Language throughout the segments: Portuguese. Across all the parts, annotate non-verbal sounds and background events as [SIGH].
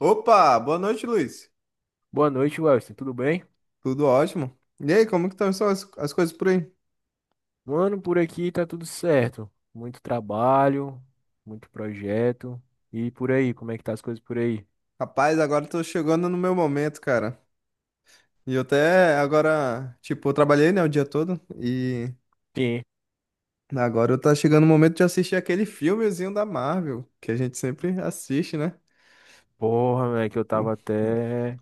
Opa, boa noite, Luiz. Boa noite, Wellington. Tudo bem? Tudo ótimo. E aí, como que estão só as coisas por aí? Mano, por aqui tá tudo certo. Muito trabalho, muito projeto. E por aí, como é que tá as coisas por aí? Rapaz, agora eu tô chegando no meu momento, cara. E eu até agora, tipo, eu trabalhei, né, o dia todo e Sim. agora eu tá chegando o momento de assistir aquele filmezinho da Marvel, que a gente sempre assiste, né? Porra, né? Que eu Tu tava até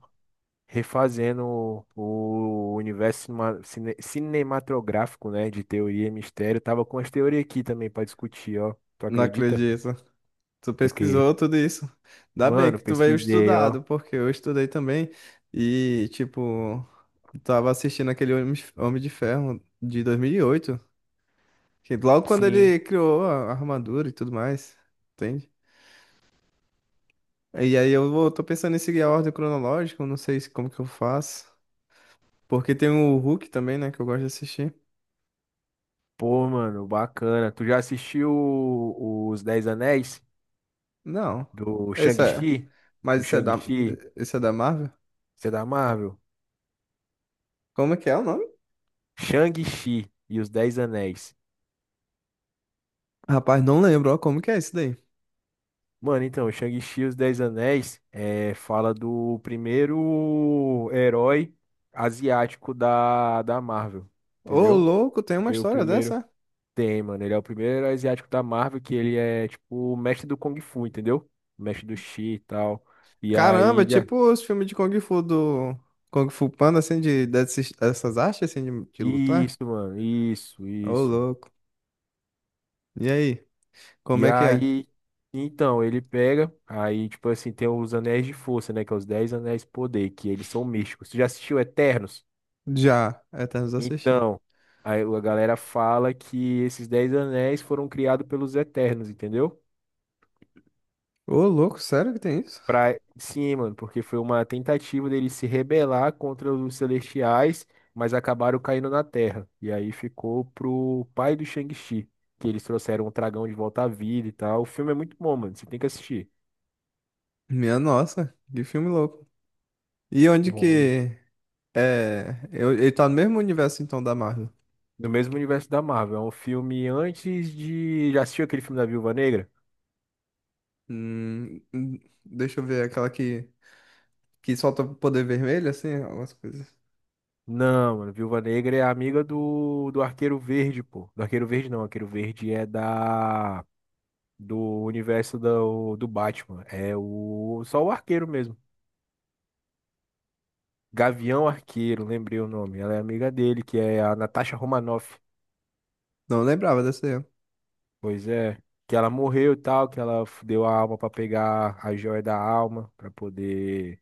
refazendo o universo cinematográfico, né? De teoria e mistério. Tava com as teorias aqui também pra discutir, ó. Tu não acredita? acredito. Tu Que... pesquisou tudo isso. Ainda bem Mano, que tu veio pesquisei, ó. estudado, porque eu estudei também e, tipo, tava assistindo aquele Homem de Ferro de 2008. Que logo quando Sim. ele criou a armadura e tudo mais, entende? E aí tô pensando em seguir a ordem cronológica, eu não sei como que eu faço. Porque tem o Hulk também, né, que eu gosto de assistir. Pô, mano, bacana. Tu já assistiu os Dez Anéis? Não, Do esse é... Shang-Chi? Mas O esse é Shang-Chi? esse é da Marvel? Você é da Marvel? Como é que é o nome? Shang-Chi e os Dez Anéis. Rapaz, não lembro, ó, como que é isso daí? Mano, então, o Shang-Chi e os Dez Anéis é, fala do primeiro herói asiático da Marvel, Ô, entendeu? louco, tem uma Ele é O história primeiro dessa? tem, mano. Ele é o primeiro herói asiático da Marvel que ele é, tipo, o mestre do Kung Fu, entendeu? O mestre do Chi e tal. E aí, Caramba, é tipo os filmes de Kung Fu do... Kung Fu Panda, assim, dessas, dessas artes, assim, de lutar? Isso, mano. Isso, Ô, isso. louco. E aí, como E é que é? aí, então, ele pega, aí, tipo assim, tem os anéis de força, né? Que é os 10 anéis de poder, que eles são místicos. Tu já assistiu Eternos? Já, Eternos eu assisti. Então, aí a galera fala que esses 10 anéis foram criados pelos Eternos, entendeu? Ô, louco, sério que tem isso? Sim, mano, porque foi uma tentativa deles se rebelar contra os Celestiais, mas acabaram caindo na Terra. E aí ficou pro pai do Shang-Chi, que eles trouxeram o dragão de volta à vida e tal. O filme é muito bom, mano, você tem que assistir. Minha nossa, que filme louco. E onde Bom. que. Ele tá no mesmo universo então da Marvel. No mesmo universo da Marvel. É um filme antes de. Já assistiu aquele filme da Viúva Negra? Hum, hum, deixa eu ver aquela que. Que solta o poder vermelho, assim, algumas coisas. Não, mano. Viúva Negra é amiga do Arqueiro Verde, pô. Do Arqueiro Verde não. Arqueiro Verde é da. Do universo do Batman. É o. Só o Arqueiro mesmo. Gavião Arqueiro, lembrei o nome. Ela é amiga dele, que é a Natasha Romanoff. Não lembrava dessa aí, ó. Pois é. Que ela morreu e tal, que deu a alma pra pegar a joia da alma, pra poder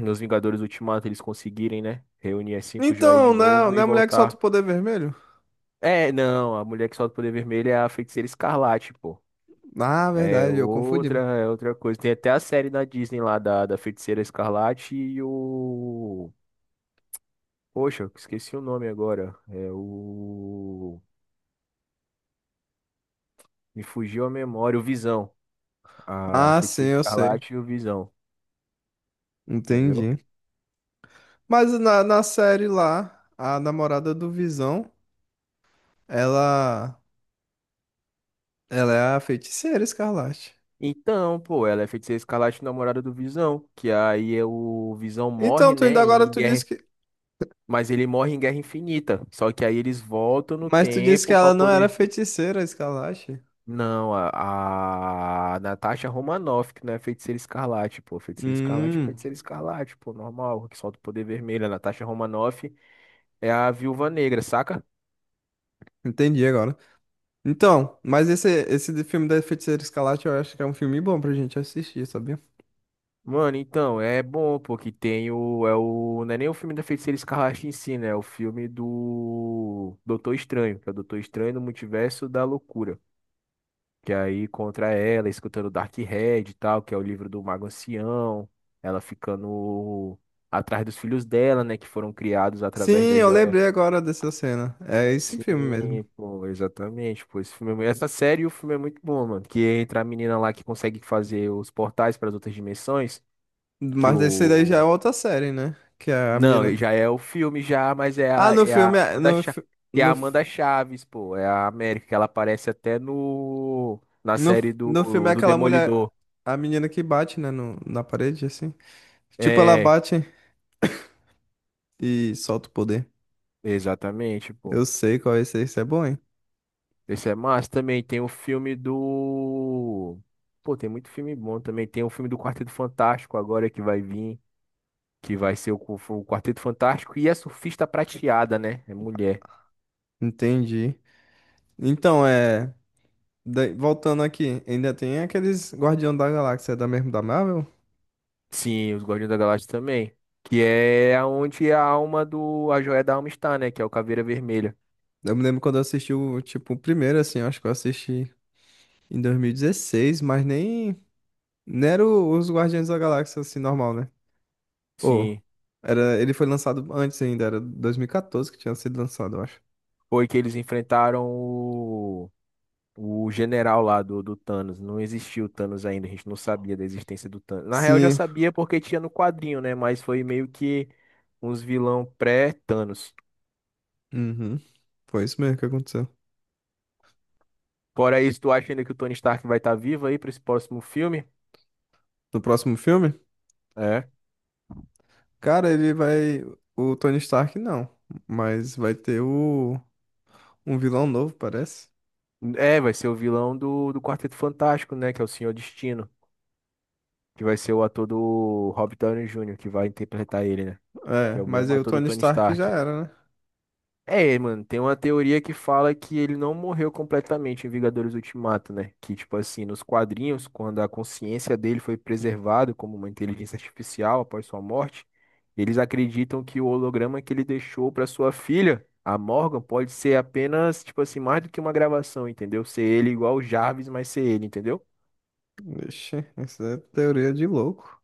nos Vingadores Ultimato eles conseguirem, né? Reunir as cinco joias Então, de não, é, novo não é e a mulher que solta voltar. o poder vermelho? É, não, a mulher que solta o poder vermelho é a Feiticeira Escarlate, pô. Ah, verdade, eu confundi. É outra coisa. Tem até a série da Disney lá da Feiticeira Escarlate e o. Poxa, eu esqueci o nome agora. É o. Me fugiu a memória, o Visão. A Ah, sim, Feiticeira eu sei. Escarlate e o Visão, entendeu? Entendi. Mas na série lá, a namorada do Visão, ela. Ela é a Feiticeira Escarlate. Então, pô, ela é feiticeira escarlate namorada do Visão, que aí é o Visão Então, morre, tu ainda né, agora em tu disse guerra. que. Mas ele morre em Guerra Infinita. Só que aí eles voltam no Mas tu disse que tempo pra ela não era poder. feiticeira, Escalache. Não, a Natasha Romanoff, que não é Feiticeira Escarlate, pô. Feiticeira Escarlate é Hum, Feiticeira Escarlate, pô. Normal, que solta o poder vermelho. A Natasha Romanoff é a Viúva Negra, saca? entendi agora. Então, mas esse de filme da Feiticeira Escalache eu acho que é um filme bom pra gente assistir, sabia? Mano, então, é bom, pô, que tem o, é o. Não é nem o filme da Feiticeira Escarlate em si, né? É o filme do Doutor Estranho, que é o Doutor Estranho no Multiverso da Loucura. Que é aí contra ela, escutando Dark Red e tal, que é o livro do Mago Ancião, ela ficando atrás dos filhos dela, né, que foram criados Sim, através da eu joia. lembrei agora dessa cena. É esse filme mesmo. Sim, pô, exatamente, pô, esse filme, é essa série e o filme é muito bom, mano, que entra a menina lá que consegue fazer os portais para as outras dimensões, que Mas desse daí já é o outra série, né? Que é a Não, menina. já é o filme já, mas é Ah, a no é a filme. É- No, fi- que é a no, fi- Amanda Chaves, pô, é a América, que ela aparece até no na no, série fi- No filme é do do aquela mulher. Demolidor. A menina que bate, né? No, Na parede, assim. Tipo, ela É, bate e solta o poder. exatamente, Eu pô. sei qual é esse. Isso é bom, hein? Esse é massa. Também tem o filme do. Pô, tem muito filme bom também. Tem o filme do Quarteto Fantástico agora que vai vir. Que vai ser o, o Quarteto Fantástico. E a surfista prateada, né? É mulher. Entendi. Então, é. Voltando aqui, ainda tem aqueles Guardião da Galáxia da mesmo da Marvel? Sim, os Guardiões da Galáxia também. Que é onde a alma do. A joia da alma está, né? Que é o Caveira Vermelha. Eu me lembro quando eu assisti o, tipo, o primeiro, assim, eu acho que eu assisti em 2016, mas nem. Nem era os Guardiões da Galáxia, assim, normal, né? Ou. Sim. Era, ele foi lançado antes ainda, era 2014 que tinha sido lançado, eu acho. Foi que eles enfrentaram o. O general lá do Thanos, não existia o Thanos ainda, a gente não sabia da existência do Thanos. Na real, já Sim. sabia porque tinha no quadrinho, né? Mas foi meio que uns vilão pré-Thanos. Uhum. Foi isso mesmo que aconteceu. Fora isso, tu acha ainda que o Tony Stark vai estar vivo aí pra esse próximo filme? No próximo filme? É. Cara, ele vai. O Tony Stark não. Mas vai ter o. Um vilão novo, parece. É, vai ser o vilão do Quarteto Fantástico, né? Que é o Senhor Destino, que vai ser o ator do Robert Downey Jr., que vai interpretar ele, né? Que É, é o mas mesmo aí o ator do Tony Tony Stark já Stark. era, né? É, mano, tem uma teoria que fala que ele não morreu completamente em Vingadores Ultimato, né? Que, tipo assim, nos quadrinhos, quando a consciência dele foi preservada como uma inteligência artificial após sua morte, eles acreditam que o holograma que ele deixou pra sua filha, a Morgan, pode ser apenas, tipo assim, mais do que uma gravação, entendeu? Ser ele igual o Jarvis, mas ser ele, entendeu? Ixi, essa é teoria de louco.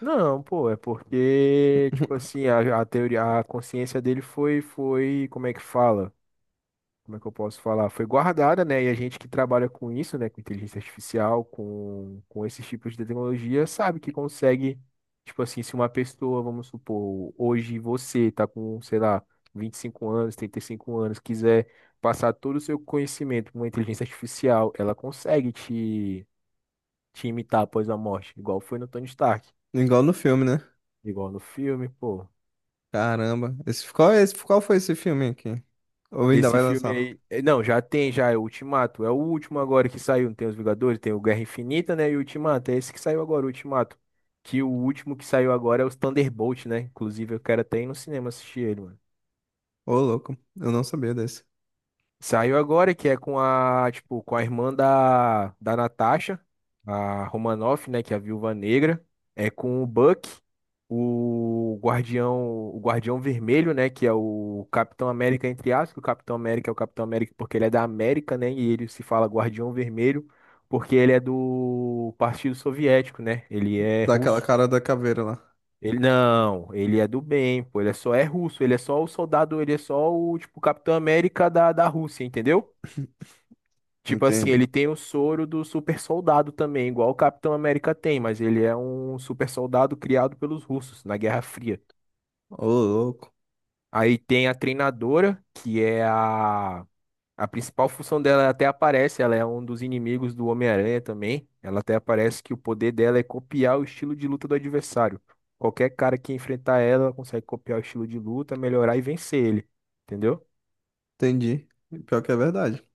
Não, pô, é porque, tipo assim, a teoria, a consciência dele foi, como é que fala? Como é que eu posso falar? Foi guardada, né? E a gente que trabalha com isso, né? Com inteligência artificial, com esses tipos de tecnologia, sabe que consegue, tipo assim, se uma pessoa, vamos supor, hoje você tá com, sei lá, 25 anos, 35 anos, quiser passar todo o seu conhecimento com uma inteligência artificial, ela consegue te, te imitar após a morte, igual foi no Tony Stark, Igual no filme, né? igual no filme, pô. Caramba. É esse, qual foi esse filme aqui? Ou ainda Esse vai filme lançar? aí, não, já tem, já é o Ultimato. É o último agora que saiu. Não tem os Vingadores, tem o Guerra Infinita, né? E o Ultimato. É esse que saiu agora, o Ultimato. Que o último que saiu agora é os Thunderbolt, né? Inclusive, eu quero até ir no cinema assistir ele, mano. Ô, louco. Eu não sabia desse. Saiu agora, que é com a, tipo, com a irmã da Natasha, a Romanoff, né, que é a Viúva Negra. É com o Buck, o Guardião, o Guardião Vermelho, né, que é o Capitão América, entre aspas, que o Capitão América é o Capitão América porque ele é da América, né, e ele se fala Guardião Vermelho porque ele é do Partido Soviético, né, ele é Daquela russo. cara da caveira lá. Ele não, ele é do bem, pô, ele só é russo, ele é só o soldado, ele é só o, tipo, Capitão América da Rússia, entendeu? [LAUGHS] Tipo assim, ele Entende? tem o soro do super soldado também, igual o Capitão América tem, mas ele é um super soldado criado pelos russos na Guerra Fria. Ô, louco. Aí tem a treinadora, que é a. A principal função dela até aparece, ela é um dos inimigos do Homem-Aranha também. Ela até aparece que o poder dela é copiar o estilo de luta do adversário. Qualquer cara que enfrentar ela, ela consegue copiar o estilo de luta, melhorar e vencer ele. Entendeu? Entendi. Pior que é verdade.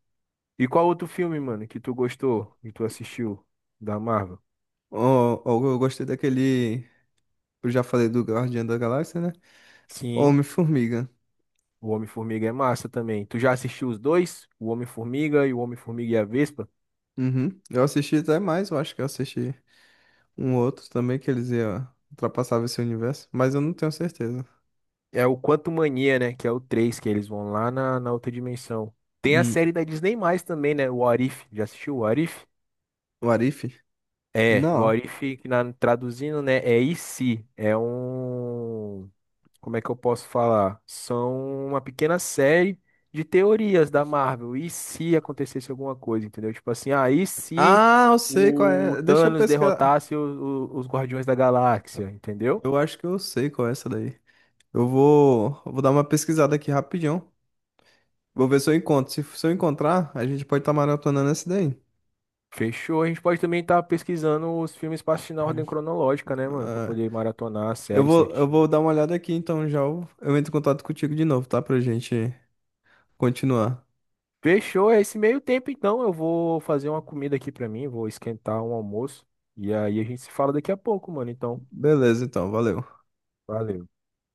E qual outro filme, mano, que tu gostou, e tu assistiu da Marvel? Ó, ó, eu gostei daquele. Eu já falei do Guardião da Galáxia, né? Sim. Homem-Formiga. O Homem-Formiga é massa também. Tu já assistiu os dois? O Homem-Formiga e a Vespa? Uhum. Eu assisti até mais, eu acho que eu assisti. Um outro também que eles iam ultrapassar esse universo, mas eu não tenho certeza. É o Quantumania, né? Que é o 3 que eles vão lá na outra dimensão. Tem a Hum, série da Disney mais também, né? O What If. Já assistiu o What If? o Arif? É, o Não. What If, que na, traduzindo, né? É E se. É um. Como é que eu posso falar? São uma pequena série de teorias da Marvel. E se acontecesse alguma coisa, entendeu? Tipo assim, ah, e se Ah, eu sei qual o é. Deixa eu Thanos pesquisar. derrotasse os Guardiões da Galáxia, entendeu? Eu acho que eu sei qual é essa daí. Eu vou dar uma pesquisada aqui rapidão. Vou ver se eu encontro. Se eu encontrar, a gente pode estar maratonando essa daí. Fechou. A gente pode também estar pesquisando os filmes para assistir na ordem cronológica, né, mano? Pra Ah, poder maratonar a série eu certinho. vou dar uma olhada aqui, então eu entro em contato contigo de novo, tá? Pra gente continuar. Fechou. É esse meio tempo, então. Eu vou fazer uma comida aqui pra mim, vou esquentar um almoço. E aí a gente se fala daqui a pouco, mano. Então, Beleza, então, valeu. valeu.